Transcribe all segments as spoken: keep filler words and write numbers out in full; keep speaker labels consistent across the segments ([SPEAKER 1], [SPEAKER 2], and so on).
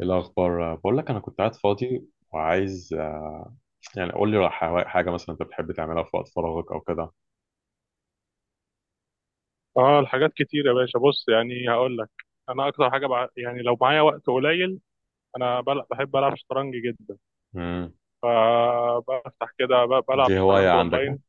[SPEAKER 1] إيه الأخبار؟ بقول لك أنا كنت قاعد فاضي وعايز آه، يعني قول لي حوا- حاجة مثلا أنت بتحب تعملها في وقت فراغك أو كده.
[SPEAKER 2] اه الحاجات كتير يا باشا، بص يعني هقول لك. انا اكتر حاجه بع... يعني لو معايا وقت قليل، انا بل... بحب العب شطرنج جدا.
[SPEAKER 1] مم.
[SPEAKER 2] فبفتح كده ب... بلعب
[SPEAKER 1] دي هواية
[SPEAKER 2] شطرنج
[SPEAKER 1] عندك
[SPEAKER 2] اونلاين.
[SPEAKER 1] يعني؟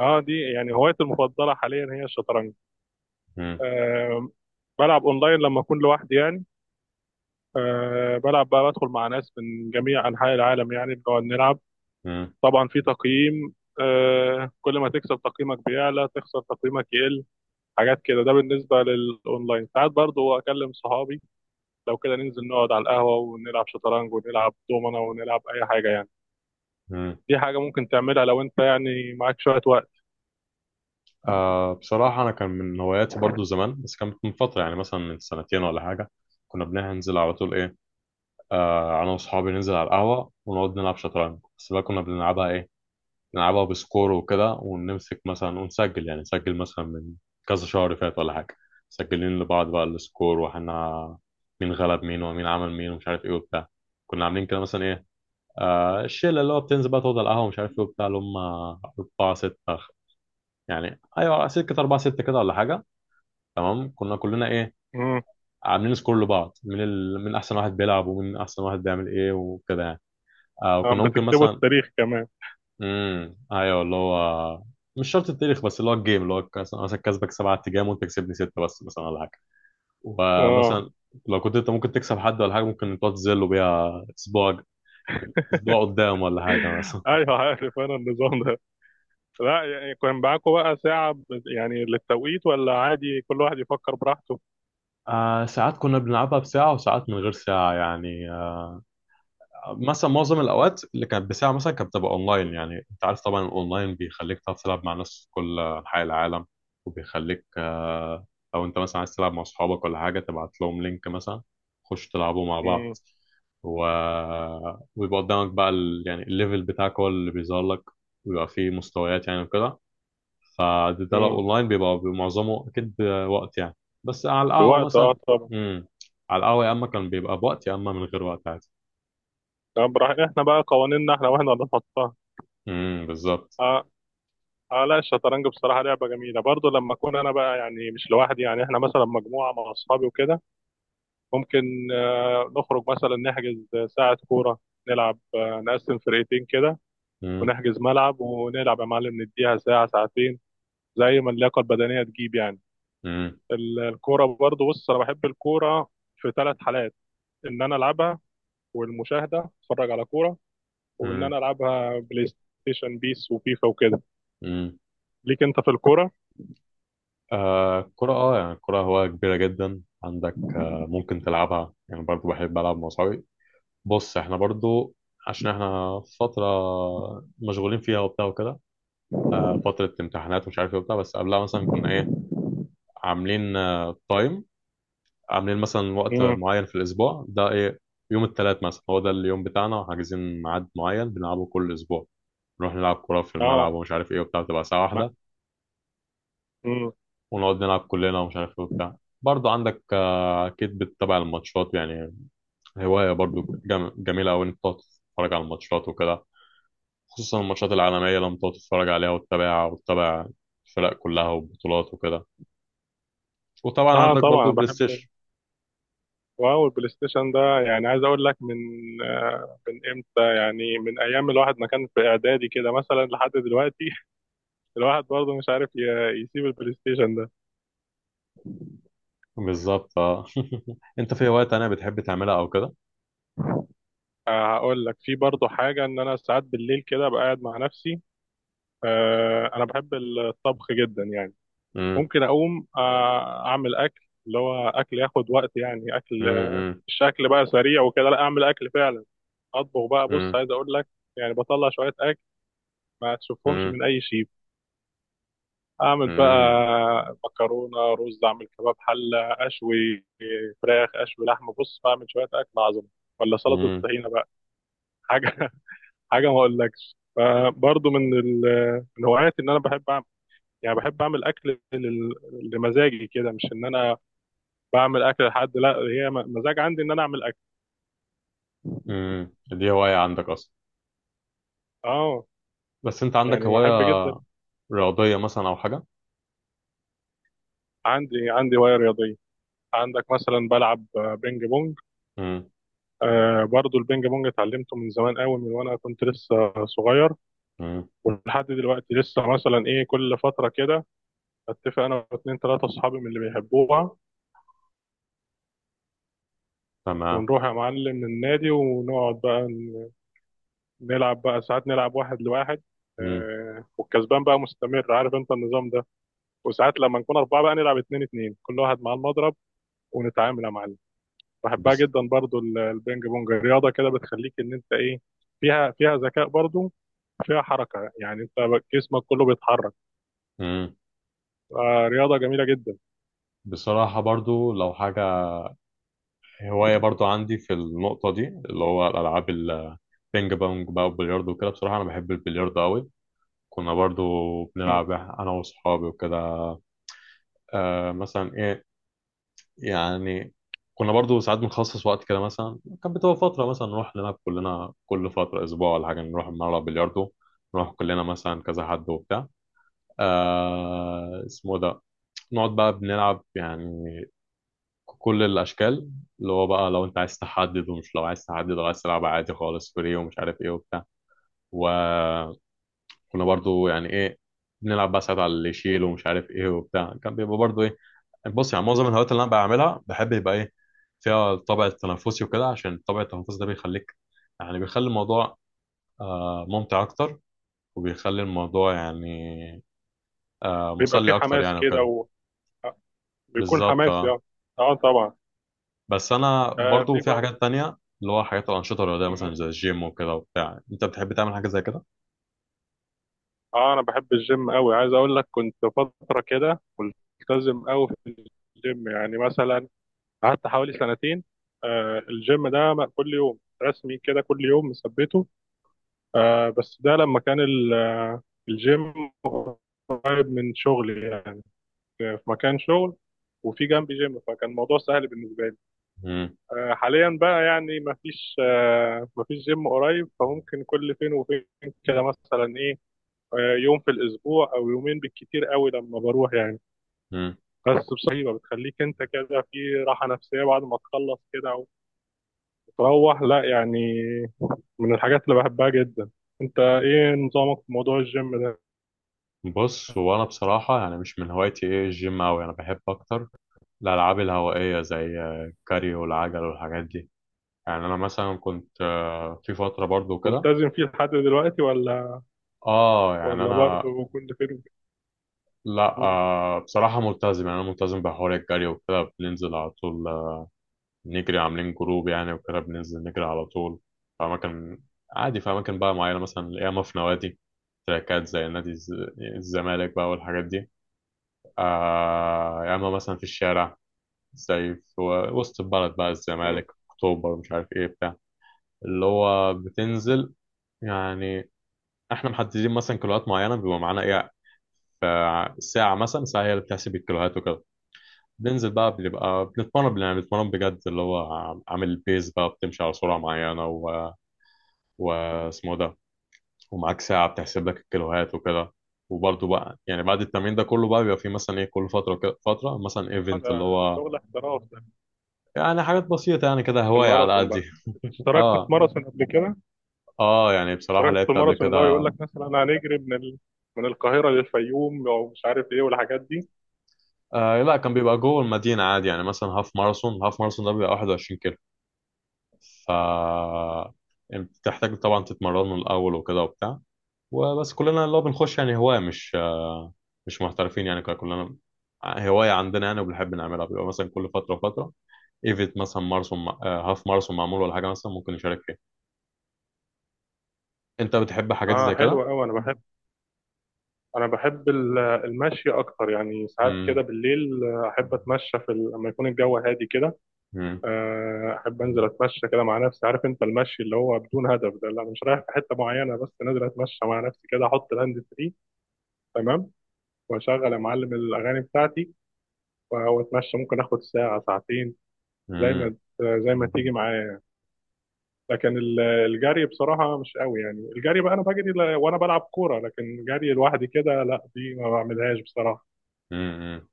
[SPEAKER 2] اه، دي يعني هوايتي المفضله حاليا هي الشطرنج.
[SPEAKER 1] مم.
[SPEAKER 2] آه بلعب اونلاين لما اكون لوحدي يعني. آه بلعب بقى، بدخل مع ناس من جميع انحاء العالم يعني بنقعد نلعب.
[SPEAKER 1] مم.
[SPEAKER 2] طبعا في تقييم، آه كل ما تكسب تقييمك بيعلى، تخسر تقييمك يقل، حاجات كده. ده بالنسبه للاونلاين. ساعات برضو اكلم صحابي لو كده ننزل نقعد على القهوة ونلعب شطرنج ونلعب دومنة ونلعب أي حاجة يعني.
[SPEAKER 1] مم.
[SPEAKER 2] دي حاجة ممكن تعملها لو أنت يعني معاك شوية وقت.
[SPEAKER 1] آه، بصراحة أنا كان من هواياتي برضو زمان، بس كانت من فترة، يعني مثلا من سنتين ولا حاجة. كنا بننزل على طول، إيه، آه أنا وأصحابي ننزل على القهوة ونقعد نلعب شطرنج. بس بقى كنا بنلعبها إيه، نلعبها بسكور وكده، ونمسك مثلا ونسجل، يعني نسجل مثلا من كذا شهر فات ولا حاجة. مسجلين لبعض بقى السكور، واحنا مين غلب مين ومين عمل مين ومش عارف ايه وبتاع. كنا عاملين كده مثلا ايه، آه الشلة اللي هو بتنزل بقى تقعد على القهوة ومش عارف ايه وبتاع، اللي هم أربعة ستة، خ- يعني أيوة سكة أربعة ستة كده ولا حاجة. تمام، كنا كلنا ايه،
[SPEAKER 2] امم،
[SPEAKER 1] عاملين سكور لبعض من ال... من أحسن واحد بيلعب ومن أحسن واحد بيعمل ايه وكده يعني. آه وكنا ممكن
[SPEAKER 2] بتكتبوا
[SPEAKER 1] مثلا،
[SPEAKER 2] التاريخ كمان؟
[SPEAKER 1] امم ايوه اللي هو، مش شرط التاريخ، بس اللي هو الجيم اللي هو مثلا مثلا كسبك سبعة تجام وانت كسبني ستة بس مثلا ولا حاجة.
[SPEAKER 2] اه.
[SPEAKER 1] ومثلا لو كنت انت ممكن تكسب حد ولا حاجة، ممكن تقعد تذله بيها اسبوع، اسبوع قدام ولا حاجة مثلا.
[SPEAKER 2] ايوه عارف انا النظام ده. لا، يعني كان معاكم بقى ساعة ب- يعني للتوقيت، ولا عادي كل واحد يفكر براحته؟
[SPEAKER 1] آه ساعات كنا بنلعبها بساعة وساعات من غير ساعة يعني. مثلا معظم الاوقات اللي كانت بساعه مثلا كانت بتبقى اونلاين. يعني انت عارف طبعا الاونلاين بيخليك تعرف تلعب مع ناس في كل انحاء العالم، وبيخليك آه، لو انت مثلا عايز تلعب مع اصحابك ولا حاجه تبعت لهم لينك مثلا، خش تلعبوا مع بعض.
[SPEAKER 2] امم.
[SPEAKER 1] و... ويبقى قدامك بقى ال... يعني الليفل بتاعك هو اللي بيظهر لك، ويبقى فيه مستويات يعني وكده. فده، ده لو
[SPEAKER 2] امم.
[SPEAKER 1] اونلاين بيبقى معظمه اكيد وقت يعني. بس على القهوه
[SPEAKER 2] بوقت، اه
[SPEAKER 1] مثلا،
[SPEAKER 2] طبعا.
[SPEAKER 1] امم، على القهوه يا اما كان بيبقى بوقت يا اما من غير وقت عادي.
[SPEAKER 2] طب براح- احنا بقى قوانيننا احنا، واحنا اللي نحطها.
[SPEAKER 1] امم، بالظبط.
[SPEAKER 2] اه. اه لا، الشطرنج بصراحة لعبة جميلة برضو لما اكون انا بقى يعني مش لوحدي، يعني احنا مثلا مجموعة مع اصحابي وكده. ممكن آه، نخرج مثلا، نحجز ساعة كورة، نلعب، آه، نقسم فرقتين كده،
[SPEAKER 1] مم.
[SPEAKER 2] ونحجز ملعب ونلعب يا معلم، نديها ساعة ساعتين، زي ما اللياقة البدنية تجيب يعني.
[SPEAKER 1] مم.
[SPEAKER 2] ال- الكورة برضو، بص أنا بحب الكورة في ثلاث حالات: إن أنا ألعبها، والمشاهدة أتفرج على كورة، وإن
[SPEAKER 1] مم.
[SPEAKER 2] أنا ألعبها بلاي ستيشن، بيس وفيفا وكده.
[SPEAKER 1] مم.
[SPEAKER 2] ليك أنت في الكورة؟
[SPEAKER 1] آه الكرة، اه يعني الكرة هواية كبيرة جدا عندك. آه ممكن تلعبها، يعني برضو بحب ألعب مع صحابي. بص احنا برضو، عشان احنا فترة مشغولين فيها وبتاع وكده، آه فترة امتحانات ومش عارف ايه وبتاع. بس قبلها مثلا كنا ايه، عاملين آه تايم، عاملين مثلا وقت
[SPEAKER 2] امم.
[SPEAKER 1] معين في الأسبوع ده ايه، يوم التلات مثلا هو ده اليوم بتاعنا، وحاجزين ميعاد معين بنلعبه كل أسبوع. نروح نلعب كرة في الملعب
[SPEAKER 2] آه.
[SPEAKER 1] ومش عارف ايه وبتاع، بتبقى ساعة
[SPEAKER 2] ما.
[SPEAKER 1] واحدة،
[SPEAKER 2] مم.
[SPEAKER 1] ونقعد نلعب كلنا ومش عارف ايه وبتاع. برضه عندك آه، اكيد بتتابع الماتشات يعني، هوايه برضه جم- جميله قوي انك تقعد تتفرج على الماتشات وكده، خصوصا الماتشات العالميه لما تقعد تتفرج عليها وتتابعها، وتتابع الفرق كلها والبطولات وكده. وطبعا
[SPEAKER 2] آه
[SPEAKER 1] عندك
[SPEAKER 2] طبعا
[SPEAKER 1] برضه بلاي
[SPEAKER 2] بحب.
[SPEAKER 1] ستيشن.
[SPEAKER 2] واو، البلاي ستيشن ده يعني عايز اقول لك من آه، من امتى، يعني من ايام الواحد ما كان في اعدادي كده مثلا لحد دلوقتي. الواحد برضه مش عارف ي- يسيب البلاي ستيشن ده.
[SPEAKER 1] بالظبط اه. انت في هوايه تانية بتحب تعملها او كده؟
[SPEAKER 2] آه، هقول لك في برضه حاجه، ان انا ساعات بالليل كده ابقى قاعد مع نفسي. آه، انا بحب الطبخ جدا يعني.
[SPEAKER 1] امم.
[SPEAKER 2] ممكن اقوم آه، اعمل اكل، اللي هو اكل ياخد وقت يعني، اكل
[SPEAKER 1] امم.
[SPEAKER 2] مش اكل بقى سريع وكده، لا اعمل اكل فعلا. اطبخ بقى. بص
[SPEAKER 1] امم.
[SPEAKER 2] عايز اقول لك، يعني بطلع شويه اكل ما تشوفهمش
[SPEAKER 1] امم.
[SPEAKER 2] من اي شيء. اعمل
[SPEAKER 1] امم.
[SPEAKER 2] بقى مكرونه، رز، اعمل كباب، حله اشوي، فراخ اشوي، لحمه. بص بعمل شويه اكل عظمه، ولا سلطه
[SPEAKER 1] امم.
[SPEAKER 2] الطحينه بقى، حاجه. حاجه ما اقولكش. فبرضه من ال- من هواياتي ان انا بحب اعمل، يعني بحب اعمل اكل لل- لمزاجي كده، مش ان انا بعمل اكل لحد، لا هي م- مزاج عندي ان انا اعمل اكل.
[SPEAKER 1] امم، دي هوايه عندك اصلا؟
[SPEAKER 2] اه.
[SPEAKER 1] بس انت عندك
[SPEAKER 2] يعني
[SPEAKER 1] هوايه
[SPEAKER 2] بحب جدا.
[SPEAKER 1] رياضيه مثلا او حاجه؟
[SPEAKER 2] عندي عندي هوايه رياضيه. عندك مثلا، بلعب آه، بينج بونج.
[SPEAKER 1] امم.
[SPEAKER 2] آه، برضو البينج بونج اتعلمته من زمان قوي، من وانا كنت لسه صغير.
[SPEAKER 1] امم.
[SPEAKER 2] ولحد دلوقتي لسه مثلا ايه، كل فترة كده اتفق انا واتنين تلاتة اصحابي من اللي بيحبوها،
[SPEAKER 1] تمام.
[SPEAKER 2] ونروح يا معلم النادي، ونقعد بقى ن- نلعب بقى ساعات، نلعب واحد لواحد.
[SPEAKER 1] مم.
[SPEAKER 2] آه، والكسبان بقى مستمر، عارف انت النظام ده. وساعات لما نكون اربعة بقى نلعب اتنين اتنين، كل واحد مع المضرب ونتعامل يا معلم. بحبها
[SPEAKER 1] بس.
[SPEAKER 2] جدا برضو، ال- البينج بونج رياضة كده بتخليك ان انت ايه، فيها فيها ذكاء برضو، فيها حركة يعني انت جسمك كله بيتحرك.
[SPEAKER 1] مم.
[SPEAKER 2] آه، رياضة جميلة جدا.
[SPEAKER 1] بصراحة برضو لو حاجة، هواية برضو عندي في النقطة دي اللي هو الألعاب، البينج بونج بقى والبلياردو وكده. بصراحة أنا بحب البلياردو أوي. كنا برضو
[SPEAKER 2] مم.
[SPEAKER 1] بنلعب أنا وأصحابي وكده. آه مثلا إيه، يعني كنا برضو ساعات بنخصص وقت كده. مثلا كانت بتبقى فترة مثلا نروح نلعب كلنا كل فترة أسبوع ولا حاجة، نروح نلعب بلياردو. نروح كلنا مثلا كذا حد وبتاع، آه اسمه ده، نقعد بقى بنلعب يعني كل الاشكال، اللي هو بقى لو انت عايز تحدد، ومش لو عايز تحدد وعايز تلعب عادي خالص فري ومش عارف ايه وبتاع. وكنا برضو يعني ايه، بنلعب بقى ساعات على اللي يشيل ومش عارف ايه وبتاع. كان بيبقى برضو ايه، بص يعني معظم الهوايات اللي انا بعملها بحب يبقى ايه، فيها الطابع التنافسي وكده، عشان طابع التنافسي ده بيخليك، يعني بيخلي الموضوع آه، ممتع اكتر، وبيخلي الموضوع يعني آه،
[SPEAKER 2] بيبقى في
[SPEAKER 1] مسلي اكتر
[SPEAKER 2] حماس
[SPEAKER 1] يعني وكده.
[SPEAKER 2] كده. آه، بيكون
[SPEAKER 1] بالظبط
[SPEAKER 2] حماس
[SPEAKER 1] اه.
[SPEAKER 2] يعني. اه طبعا.
[SPEAKER 1] بس انا
[SPEAKER 2] آه
[SPEAKER 1] برضو
[SPEAKER 2] في
[SPEAKER 1] في
[SPEAKER 2] بقى.
[SPEAKER 1] حاجات تانية اللي هو حاجات الانشطه الرياضيه مثلا
[SPEAKER 2] مم.
[SPEAKER 1] زي الجيم وكده وبتاع. انت بتحب تعمل حاجه زي كده؟
[SPEAKER 2] اه انا بحب الجيم قوي، عايز اقول لك كنت فتره كده ملتزم قوي في الجيم يعني، مثلا قعدت حوالي سنتين. آه الجيم ده م- كل يوم رسمي كده، كل يوم مثبته. آه بس ده لما كان ال- آه، الجيم قريب من شغلي يعني، في في مكان شغل، وفي جنبي جيم، فكان الموضوع سهل بالنسبه لي.
[SPEAKER 1] امم.
[SPEAKER 2] آه، حاليا بقى يعني مفيش، آه، مفيش جيم قريب، فممكن كل فين وفين كده مثلا ايه، آه، يوم في الاسبوع او يومين بالكتير قوي لما بروح يعني.
[SPEAKER 1] امم.
[SPEAKER 2] بس بصحيبه بتخليك انت كده في راحه نفسيه بعد ما تخلص كده وتروح، لا يعني من الحاجات اللي بحبها جدا. انت ايه نظامك في موضوع الجيم ده؟
[SPEAKER 1] بص هو انا بصراحه يعني مش من هوايتي ايه الجيم اوي. انا بحب اكتر الالعاب الهوائيه زي آه، الكاريو والعجل والحاجات دي. يعني انا مثلا كنت آه، في فتره برضو كده.
[SPEAKER 2] ملتزم فيه لحد دلوقتي ولا
[SPEAKER 1] اه يعني
[SPEAKER 2] ولا
[SPEAKER 1] انا،
[SPEAKER 2] برضه كل فين
[SPEAKER 1] لا
[SPEAKER 2] وفين؟
[SPEAKER 1] آه بصراحه ملتزم، يعني انا ملتزم بحوار الجري وكده، بننزل على طول نجري. عاملين جروب يعني وكده، بننزل نجري على طول في أماكن. عادي في أماكن بقى معينة، مثلا ياما في نوادي، تراكات زي نادي الز- الزمالك بقى والحاجات دي. آه ياما مثلا في الشارع، زي في وسط البلد بقى،
[SPEAKER 2] مم.
[SPEAKER 1] الزمالك، أكتوبر، مش عارف إيه بتاع. اللي هو بتنزل، يعني إحنا محددين مثلا كيلوهات معينة، بيبقى معانا إيه، فساعة مثلا ساعة هي اللي بتحسب الكيلوهات وكده. بننزل بقى بنبقى بنتمرن يعني، بنتمرن بجد اللي هو عامل بيز بقى بتمشي على سرعة معينة واسمه ده. ومعاك ساعة بتحسب لك الكيلوهات وكده. وبرضه بقى يعني بعد التمرين ده كله بقى بيبقى في مثلا ايه، كل فترة كده فترة مثلا
[SPEAKER 2] اه
[SPEAKER 1] ايفنت
[SPEAKER 2] ده
[SPEAKER 1] اللي هو،
[SPEAKER 2] شغل احتراف ده.
[SPEAKER 1] يعني حاجات بسيطة يعني كده، هواية على
[SPEAKER 2] الماراثون
[SPEAKER 1] قدي.
[SPEAKER 2] بقى، اشتركت في
[SPEAKER 1] اه.
[SPEAKER 2] ماراثون قبل كده؟
[SPEAKER 1] اه يعني بصراحة
[SPEAKER 2] اشتركت في
[SPEAKER 1] لعبت قبل
[SPEAKER 2] الماراثون اللي هو يقول
[SPEAKER 1] كده.
[SPEAKER 2] لك مثلا هنجري من ال... من القاهرة للفيوم او مش عارف ايه والحاجات دي.
[SPEAKER 1] آه لا، كان بيبقى جوه المدينة عادي يعني، مثلا هاف ماراثون، هاف ماراثون ده بيبقى 21 كيلو. ف يعني بتحتاج طبعا تتمرن من الأول وكده وبتاع، وبس كلنا اللي هو بنخش يعني هواية، مش مش محترفين يعني. كنا كلنا آه، هواية عندنا يعني وبنحب نعملها. بيبقى مثلا كل فترة وفترة ايفنت، مثلا ماراثون آه، هاف ماراثون معمول ولا حاجة مثلا، ممكن نشارك فيها. انت بتحب حاجات
[SPEAKER 2] اه
[SPEAKER 1] زي كده؟
[SPEAKER 2] حلوة قوي، انا بحب، انا بحب ال- المشي اكتر يعني. ساعات كده
[SPEAKER 1] مم،
[SPEAKER 2] بالليل آه، احب اتمشى في ال... لما يكون الجو هادي كده.
[SPEAKER 1] مم،
[SPEAKER 2] آه، احب انزل اتمشى كده مع نفسي، عارف انت المشي اللي هو بدون هدف ده، اللي انا مش رايح في حتة معينة، بس نازل اتمشى مع نفسي كده، احط الهاند فري، تمام، واشغل يا معلم الاغاني بتاعتي، و- واتمشى ممكن اخد ساعة ساعتين، زي
[SPEAKER 1] مم،
[SPEAKER 2] ما زي ما تيجي معايا. لكن ال- الجري بصراحة مش قوي يعني. الجري بقى أنا بجري ل- وأنا بلعب كورة، لكن جري لوحدي كده لا، دي ما بعملهاش بصراحة.
[SPEAKER 1] مم، مم.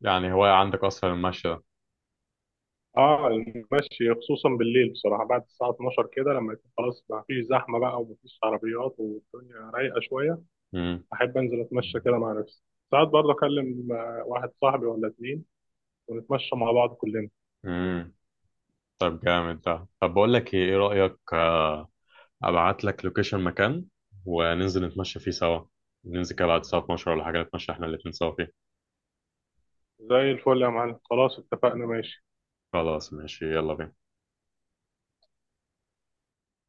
[SPEAKER 1] يعني هواية عندك اصلا المشي ده؟
[SPEAKER 2] اه المشي خصوصا بالليل بصراحة بعد الساعة اتناشر كده، لما يكون خلاص ما فيش زحمة بقى وما فيش عربيات والدنيا رايقة شوية،
[SPEAKER 1] مم،
[SPEAKER 2] أحب أنزل أتمشى كده مع نفسي. ساعات برضه أكلم آه، واحد صاحبي ولا اتنين، ونتمشى مع بعض كلنا.
[SPEAKER 1] مم. طب جامد ده. طب بقول لك ايه، إيه رأيك آه، ابعت لك لوكيشن مكان وننزل نتمشى فيه سوا، ننزل كده بعد الساعة اتناشر ولا حاجة، نتمشى احنا الاتنين سوا فيه.
[SPEAKER 2] زي الفل يا معلم، خلاص اتفقنا، ماشي.
[SPEAKER 1] خلاص ماشي، يلا بينا.